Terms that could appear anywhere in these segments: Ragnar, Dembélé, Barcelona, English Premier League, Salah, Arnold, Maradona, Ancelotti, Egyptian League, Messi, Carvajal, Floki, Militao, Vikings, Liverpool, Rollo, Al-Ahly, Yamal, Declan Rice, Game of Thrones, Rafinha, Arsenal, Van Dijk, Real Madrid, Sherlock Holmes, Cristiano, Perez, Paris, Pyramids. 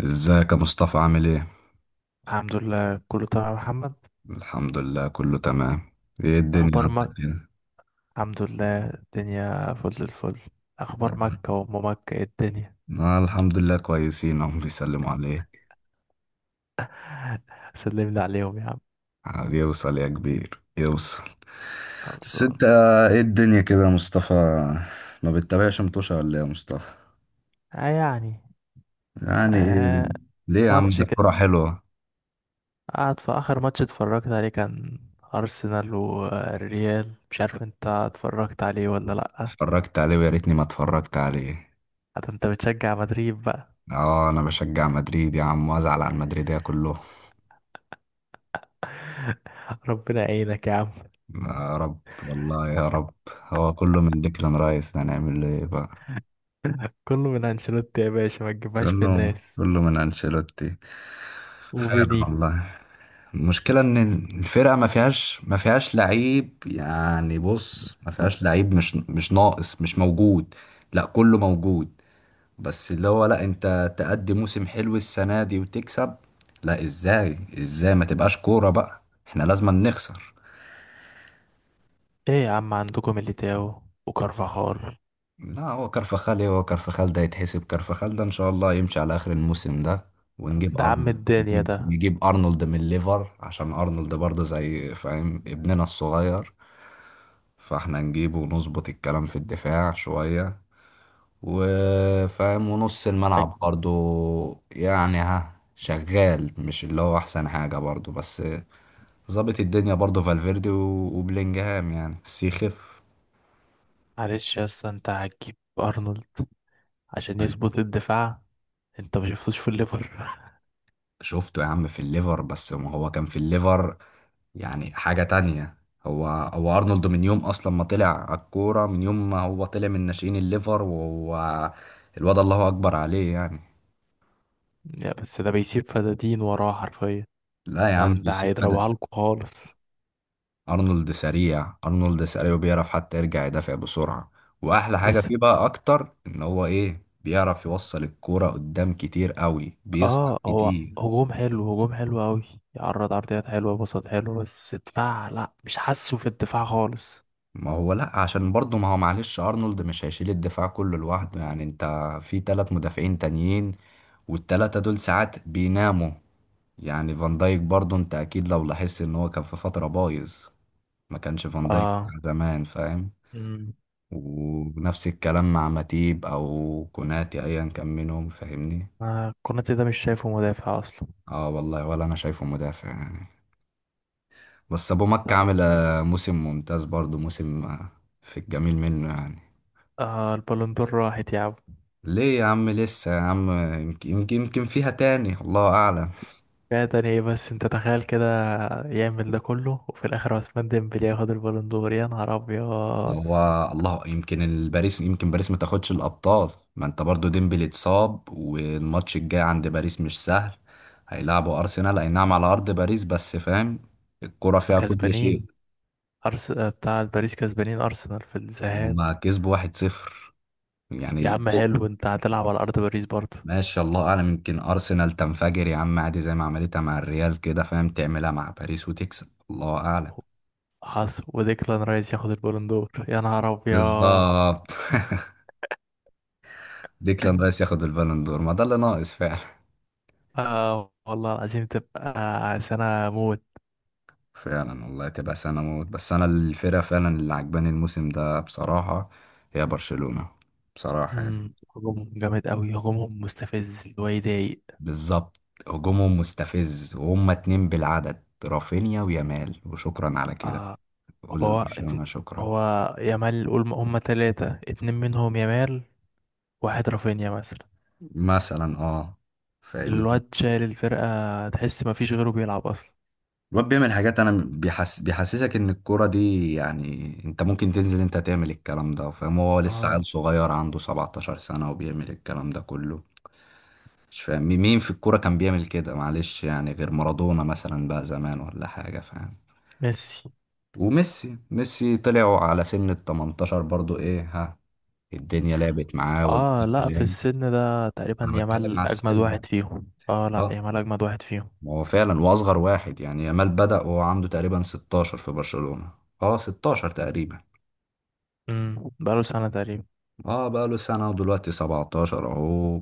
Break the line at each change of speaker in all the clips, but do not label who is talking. ازيك يا مصطفى، عامل ايه؟
الحمد لله كله تمام يا محمد.
الحمد لله كله تمام. ايه الدنيا
اخبار
عندك
مكة،
كده؟
الحمد لله الدنيا فل الفل. اخبار مكة وام مكة ايه الدنيا؟
آه الحمد لله كويسين، هم بيسلموا عليك.
سلم لي عليهم يا عم.
عايز يوصل يا كبير، يوصل. بس
خلصان.
انت ايه الدنيا كده يا مصطفى، ما بتتابعش متوشة ولا ايه يا مصطفى؟
آه يعني.
يعني ايه؟
آه.
ليه يا عم،
ماتش
ده
كده،
الكورة حلوة.
قعد في اخر ماتش اتفرجت عليه، كان ارسنال والريال، مش عارف انت اتفرجت عليه ولا لا.
اتفرجت عليه ويا ريتني ما اتفرجت عليه.
حتى انت بتشجع مدريد بقى.
اه انا بشجع مدريد يا عم، وازعل على المدريدية كلهم.
ربنا يعينك يا عم.
يا رب والله يا رب. هو كله من ديكلان رايس، هنعمل ايه بقى.
كله من انشيلوتي يا باشا، ما تجيبهاش في
كله
الناس.
كله من انشيلوتي. فعلا
وفيني.
والله. المشكلة ان الفرقة ما فيهاش لعيب، يعني بص ما فيهاش لعيب، مش ناقص، مش موجود. لا كله موجود. بس اللي هو لا، انت تأدي موسم حلو السنة دي وتكسب. لا ازاي ازاي ما تبقاش كورة بقى. احنا لازم نخسر.
ايه يا عم، عندكم ميليتاو وكارفاخال،
لا هو كرفخال، ايه هو كرفخال ده يتحسب، كرفخال ده ان شاء الله يمشي على اخر الموسم ده. ونجيب
ده عم
ارنولد،
الدنيا
نجيب,
ده.
نجيب ارنولد من ليفر، عشان ارنولد برضه زي، فاهم، ابننا الصغير. فاحنا نجيبه ونظبط الكلام في الدفاع شوية، وفاهم، ونص الملعب برضه يعني، ها شغال، مش اللي هو احسن حاجة برضه، بس ظابط الدنيا برضه. فالفيردي و- وبلينجهام يعني، بس يخف.
معلش يا اسطى، انت هتجيب ارنولد عشان يظبط الدفاع؟ انت ما شفتوش في الليفر؟
شفته يا عم في الليفر، بس ما هو كان في الليفر يعني حاجة تانية. هو أرنولد من يوم أصلا ما طلع على الكورة، من يوم ما هو طلع من ناشئين الليفر وهو الواد، الله أكبر عليه يعني.
يا بس ده بيسيب فدادين وراه حرفيا،
لا يا
ده
عم
انت
بيسيب فدا.
هيضربها لكم خالص.
أرنولد سريع، أرنولد سريع، وبيعرف حتى يرجع يدافع بسرعة. وأحلى حاجة
بس
فيه بقى أكتر، إن هو إيه، بيعرف يوصل الكورة قدام كتير قوي، بيصنع
اه، هو
كتير.
هجوم حلو، هجوم حلو قوي، يعرض عرضيات حلوه، بساط حلو، بس دفاع لا مش حاسه في الدفاع خالص.
ما هو لا، عشان برضه ما هو، معلش، ارنولد مش هيشيل الدفاع كله لوحده يعني، انت في تلات مدافعين تانيين، والتلاتة دول ساعات بيناموا يعني. فان دايك برضه، انت اكيد لو لاحظت ان هو كان في فترة بايظ، ما كانش فان دايك
اه.
بتاع زمان، فاهم.
مم.
ونفس الكلام مع ماتيب او كوناتي، ايا كان منهم، فاهمني.
آه، كوناتي ده مش شايفه مدافع اصلا.
اه والله، ولا انا شايفه مدافع يعني. بس ابو مكة
طب.
عامل موسم ممتاز برضه، موسم في الجميل منه يعني.
آه، البالون دور راحت يا عم.
ليه يا عم، لسه يا عم. يمكن فيها تاني، الله اعلم.
فعلا، ايه بس انت تخيل كده، يعمل ده كله وفي الاخر عثمان ديمبلي ياخد البالون دور، يا نهار ابيض.
هو الله، يمكن الباريس، يمكن باريس ما تاخدش الابطال. ما انت برضو ديمبلي اتصاب، والماتش الجاي عند باريس مش سهل. هيلعبوا ارسنال اي نعم على ارض باريس، بس فاهم، الكرة
ما
فيها كل شيء.
كسبانين، بتاع باريس كسبانين ارسنال في الذهاب.
هما كسبوا 1-0
يا
يعني.
عم حلو، انت هتلعب على ارض باريس برضه.
ماشي، الله اعلم، يمكن ارسنال تنفجر يا عم عادي، زي ما عملتها مع الريال كده، فاهم، تعملها مع باريس وتكسب، الله اعلم.
حصل وديكلان رايس ياخد البالون دور، يا نهار ابيض.
بالظبط ديكلان رايس ياخد البالون دور، ما ده اللي ناقص فعلا.
آه والله العظيم تبقى سنة موت.
فعلا والله، تبقى سنة موت. بس أنا الفرقة فعلا اللي عجباني الموسم ده بصراحة، هي برشلونة. بصراحة يعني.
مم، هجومهم جامد قوي، هجومهم مستفز، اللي هو يضايق.
بالظبط. هجومهم مستفز، وهم اتنين بالعدد، رافينيا ويامال، وشكرا على كده.
آه.
قول
هو اتن-
لبرشلونة شكرا.
هو يامال، قول هما تلاتة، اتنين منهم يامال، واحد رافينيا مثلا.
مثلا اه. فاهمني.
الواد شايل الفرقة، تحس مفيش غيره بيلعب أصلا.
الواد بيعمل حاجات، انا بيحس، بيحسسك ان الكوره دي، يعني انت ممكن تنزل انت تعمل الكلام ده، فاهم؟ هو لسه
اه.
عيل صغير عنده 17 سنه، وبيعمل الكلام ده كله. مش فاهم مين في الكورة كان بيعمل كده، معلش، يعني غير مارادونا مثلا بقى زمان، ولا حاجة فاهم.
ميسي.
وميسي، ميسي طلعوا على سن ال 18 برضو، ايه ها، الدنيا لعبت معاه
اه
والزمن
لا، في
لعب.
السن ده تقريبا
انا بتكلم
يامال
على
أجمد
السن بقى.
واحد فيهم، اه لا
اه.
يامال أجمد واحد فيهم.
ما هو فعلا، واصغر واحد يعني، يامال بدأ وهو عنده تقريبا 16 في برشلونة. اه 16 تقريبا.
امم، بقاله سنة تقريبا.
اه بقى له سنة، ودلوقتي 17 اهو.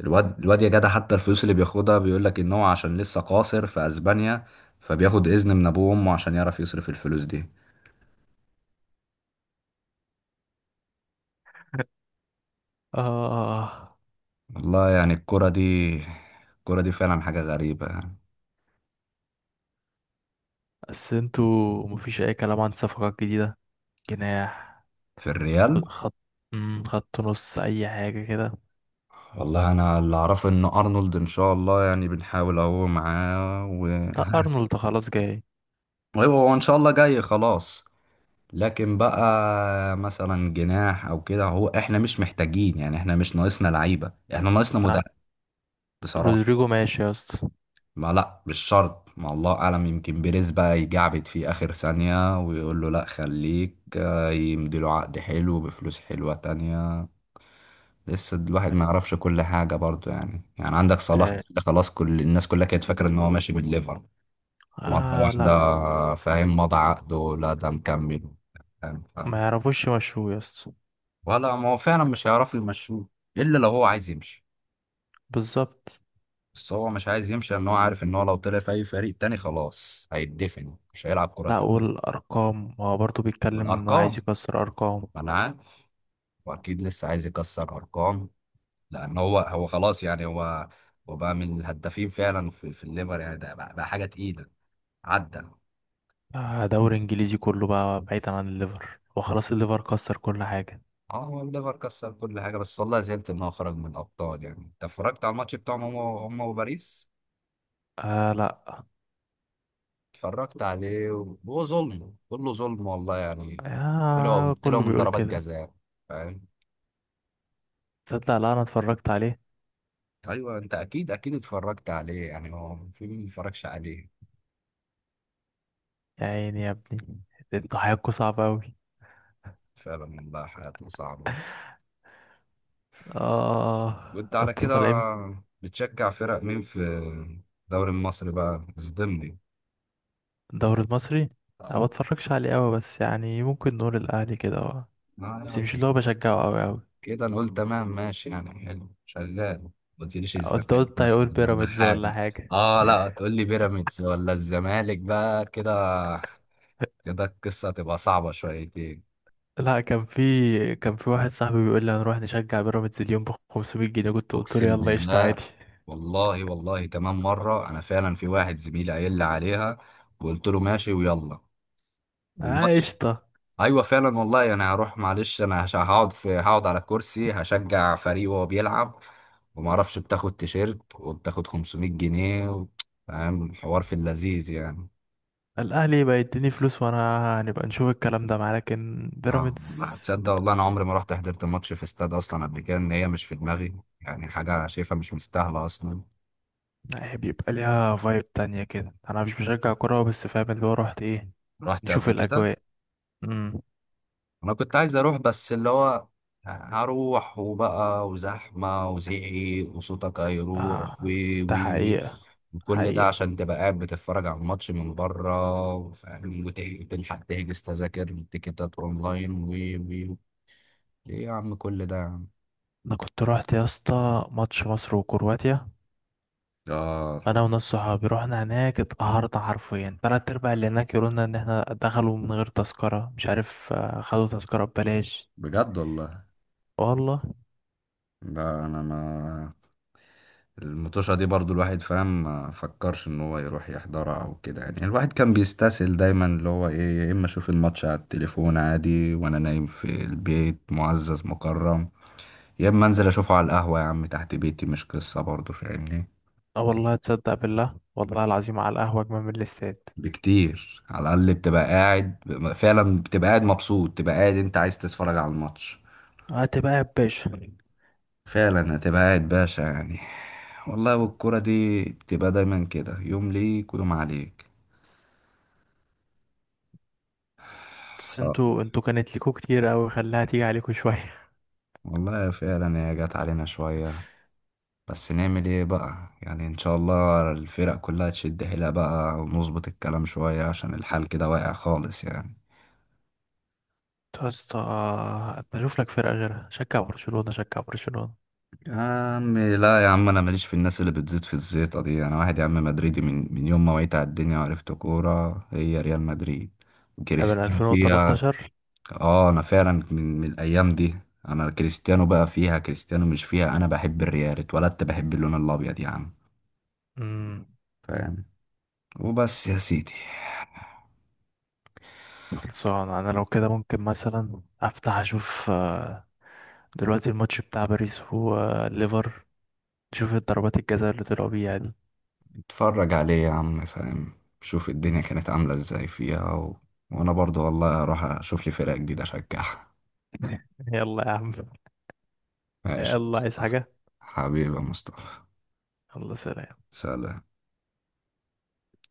الواد الواد يا جدع، حتى الفلوس اللي بياخدها، بيقول لك ان هو عشان لسه قاصر في اسبانيا، فبياخد اذن من ابوه وامه عشان يعرف يصرف الفلوس دي.
اه.
والله يعني الكرة دي، فعلا حاجة غريبة يعني.
بس انتوا مفيش أي كلام عن صفقات جديدة؟ جناح،
في الريال.
وخط، مم، خط نص، أي حاجة كده.
والله انا اللي اعرفه ان ارنولد ان شاء الله، يعني بنحاول اهو معاه، و...
لا أرنولد خلاص جاي.
ايوه هو ان شاء الله جاي خلاص. لكن بقى مثلا جناح او كده، هو احنا مش محتاجين يعني، احنا مش ناقصنا لعيبة، احنا ناقصنا مدرب
لا.
بصراحة.
رودريجو ماشي يا اسطى.
ما لا، مش شرط، ما الله اعلم، يمكن بيريز بقى يجعبد فيه اخر ثانية ويقول له لا خليك، يمديله عقد حلو بفلوس حلوة تانية. لسه الواحد ما يعرفش كل حاجة برضو يعني عندك صلاح
التاني.
ده خلاص، كل الناس كلها كانت فاكرة ان هو ماشي من ليفر. مرة
اه لا.
واحدة فاهم، مضى عقده لا ده مكمل، فاهم
ما
فاهم.
يعرفوش يمشوه يا اسطى.
ولا، ما هو فعلا مش هيعرف يمشوه، الا لو هو عايز يمشي.
بالظبط.
بس هو مش عايز يمشي، لان هو عارف ان هو لو طلع في اي فريق تاني خلاص هيتدفن، مش هيلعب كرة
لا
تانية.
والأرقام، هو برضه بيتكلم إنه عايز
والارقام،
يكسر أرقام.
ما انا عارف، واكيد لسه عايز يكسر ارقام. لان هو خلاص يعني، هو هو بقى من الهدافين فعلا في الليفر يعني، ده بقى حاجه تقيله. عدى.
آه، دوري إنجليزي كله بقى بعيدا عن الليفر، وخلاص الليفر كسر كل حاجة.
اه هو الليفر كسر كل حاجه، بس والله زعلت ان هو خرج من الابطال. يعني انت اتفرجت على الماتش بتاعهم، هم وباريس.
آه لا.
اتفرجت عليه، وهو ظلم، كله ظلم والله يعني. طلعوا
آه
طلعوا
كله
من
بيقول
ضربات
كده.
جزاء، فاهم.
تصدق لا أنا اتفرجت عليه.
ايوه انت اكيد اتفرجت عليه يعني، هو في مين ما اتفرجش عليه.
يا عيني يا ابني، انتوا حياتكوا صعبة أوي.
فعلا والله، حياته صعبه.
آه.
وانت على
انتوا
كده
طالعين.
بتشجع فرق مين في الدوري المصري بقى، اصدمني.
الدوري المصري، أنا ما
اهو.
بتفرجش عليه أوي، بس يعني ممكن نقول الأهلي كده، آه. بس
آه،
مش اللي هو بشجعه أوي أوي.
كده نقول تمام، ماشي يعني، حلو شغال. ما قلتليش
انت
الزمالك
قلت هيقول
مثلا ولا
بيراميدز ولا
حاجة.
حاجة.
اه لا، تقول لي بيراميدز ولا الزمالك بقى كده، كده القصة هتبقى صعبة شويتين.
لا، كان في، كان في واحد صاحبي بيقول لي هنروح نشجع بيراميدز اليوم ب 500 جنيه، كنت قلت له
اقسم
يلا قشطة
بالله.
عادي.
والله تمام مرة، انا فعلا في واحد زميلي قايل لي عليها، وقلت له ماشي ويلا،
اه
والماتش.
قشطة.
ايوه فعلا والله انا هروح، معلش، انا هقعد على الكرسي، هشجع فريق وهو بيلعب، وما اعرفش، بتاخد تيشيرت وبتاخد 500 جنيه و... فاهم الحوار في اللذيذ يعني.
الأهلي يبقى يديني فلوس وأنا هنبقى نشوف الكلام ده معاه، لكن
اه لا،
بيراميدز
تصدق والله انا عمري ما رحت حضرت ماتش في استاد اصلا قبل كده، ان هي مش في دماغي يعني، حاجه انا شايفها مش مستاهله اصلا.
لا، بيبقى ليها فايب تانية كده، أنا مش بشجع كورة بس فاهم اللي هو رحت إيه،
رحت
نشوف
قبل كده،
الأجواء. امم.
انا كنت عايز اروح، بس اللي هو، هروح وبقى وزحمه وزعيق، وصوتك هيروح
آه.
وي
ده
وي وي.
حقيقة.
كل ده
حقيقة.
عشان تبقى قاعد بتتفرج على الماتش من بره، فاهم، وتلحق تحجز تذاكر والتيكيتات اونلاين و و و. ايه يا عم كل ده يا عم؟
أنا كنت رحت يا اسطى ماتش مصر وكرواتيا،
اه
انا وناس صحابي رحنا هناك، اتقهرنا حرفيا، تلات ارباع اللي هناك يقولولنا ان احنا دخلوا من غير تذكرة، مش عارف، آه، خدوا تذكرة ببلاش.
بجد والله.
والله.
ده انا ما، المطوشة دي برضو الواحد فاهم، ما فكرش ان هو يروح يحضرها او كده يعني، الواحد كان بيستسهل دايما اللي هو ايه، يا اما اشوف الماتش على التليفون عادي وانا نايم في البيت معزز مكرم، يا اما انزل اشوفه على القهوة يا عم تحت بيتي، مش قصة برضو، فاهمني.
اه والله تصدق بالله، والله العظيم على القهوة اجمل من الاستاد.
بكتير، على الاقل بتبقى قاعد. فعلا بتبقى قاعد مبسوط، بتبقى قاعد انت عايز تتفرج على الماتش.
هات بقى يا باشا.
فعلا هتبقى قاعد باشا يعني. والله، والكرة دي بتبقى دايما كده، يوم ليك ويوم عليك.
بس
اه
انتوا، انتوا كانت ليكوا كتير اوي، خليها تيجي عليكوا شوية.
والله فعلا، هي جت علينا شوية. بس نعمل ايه بقى يعني، ان شاء الله الفرق كلها تشد حيلها بقى، ونظبط الكلام شوية، عشان الحال كده واقع خالص يعني.
انتوا يا اسطى بشوف لك فرقة غيرها، شجع برشلونة، شجع برشلونة.
يا عم لا يا عم، انا ماليش في الناس اللي بتزيد في الزيطه دي. انا واحد يا عم مدريدي، من يوم ما وعيت على الدنيا وعرفت كوره هي ريال مدريد،
ده من
كريستيانو فيها.
2013.
اه انا فعلا من الايام دي. انا كريستيانو بقى فيها، كريستيانو مش فيها، انا بحب الريال، اتولدت بحب اللون الابيض يا عم،
امم.
فاهم، وبس يا سيدي.
خلصان، انا لو كده ممكن مثلا افتح اشوف، آه، دلوقتي الماتش بتاع باريس وليفر، شوف الضربات الجزاء اللي طلعوا بيها دي.
اتفرج عليه يا عم، فاهم، شوف الدنيا كانت عامله ازاي فيها، و... وانا برضو والله هروح اشوف لي فرقه جديده اشجعها.
يلا يا عم.
ماشي.
يلا عايز حاجة.
حبيبي يا مصطفى.
الله. سلام.
سلام.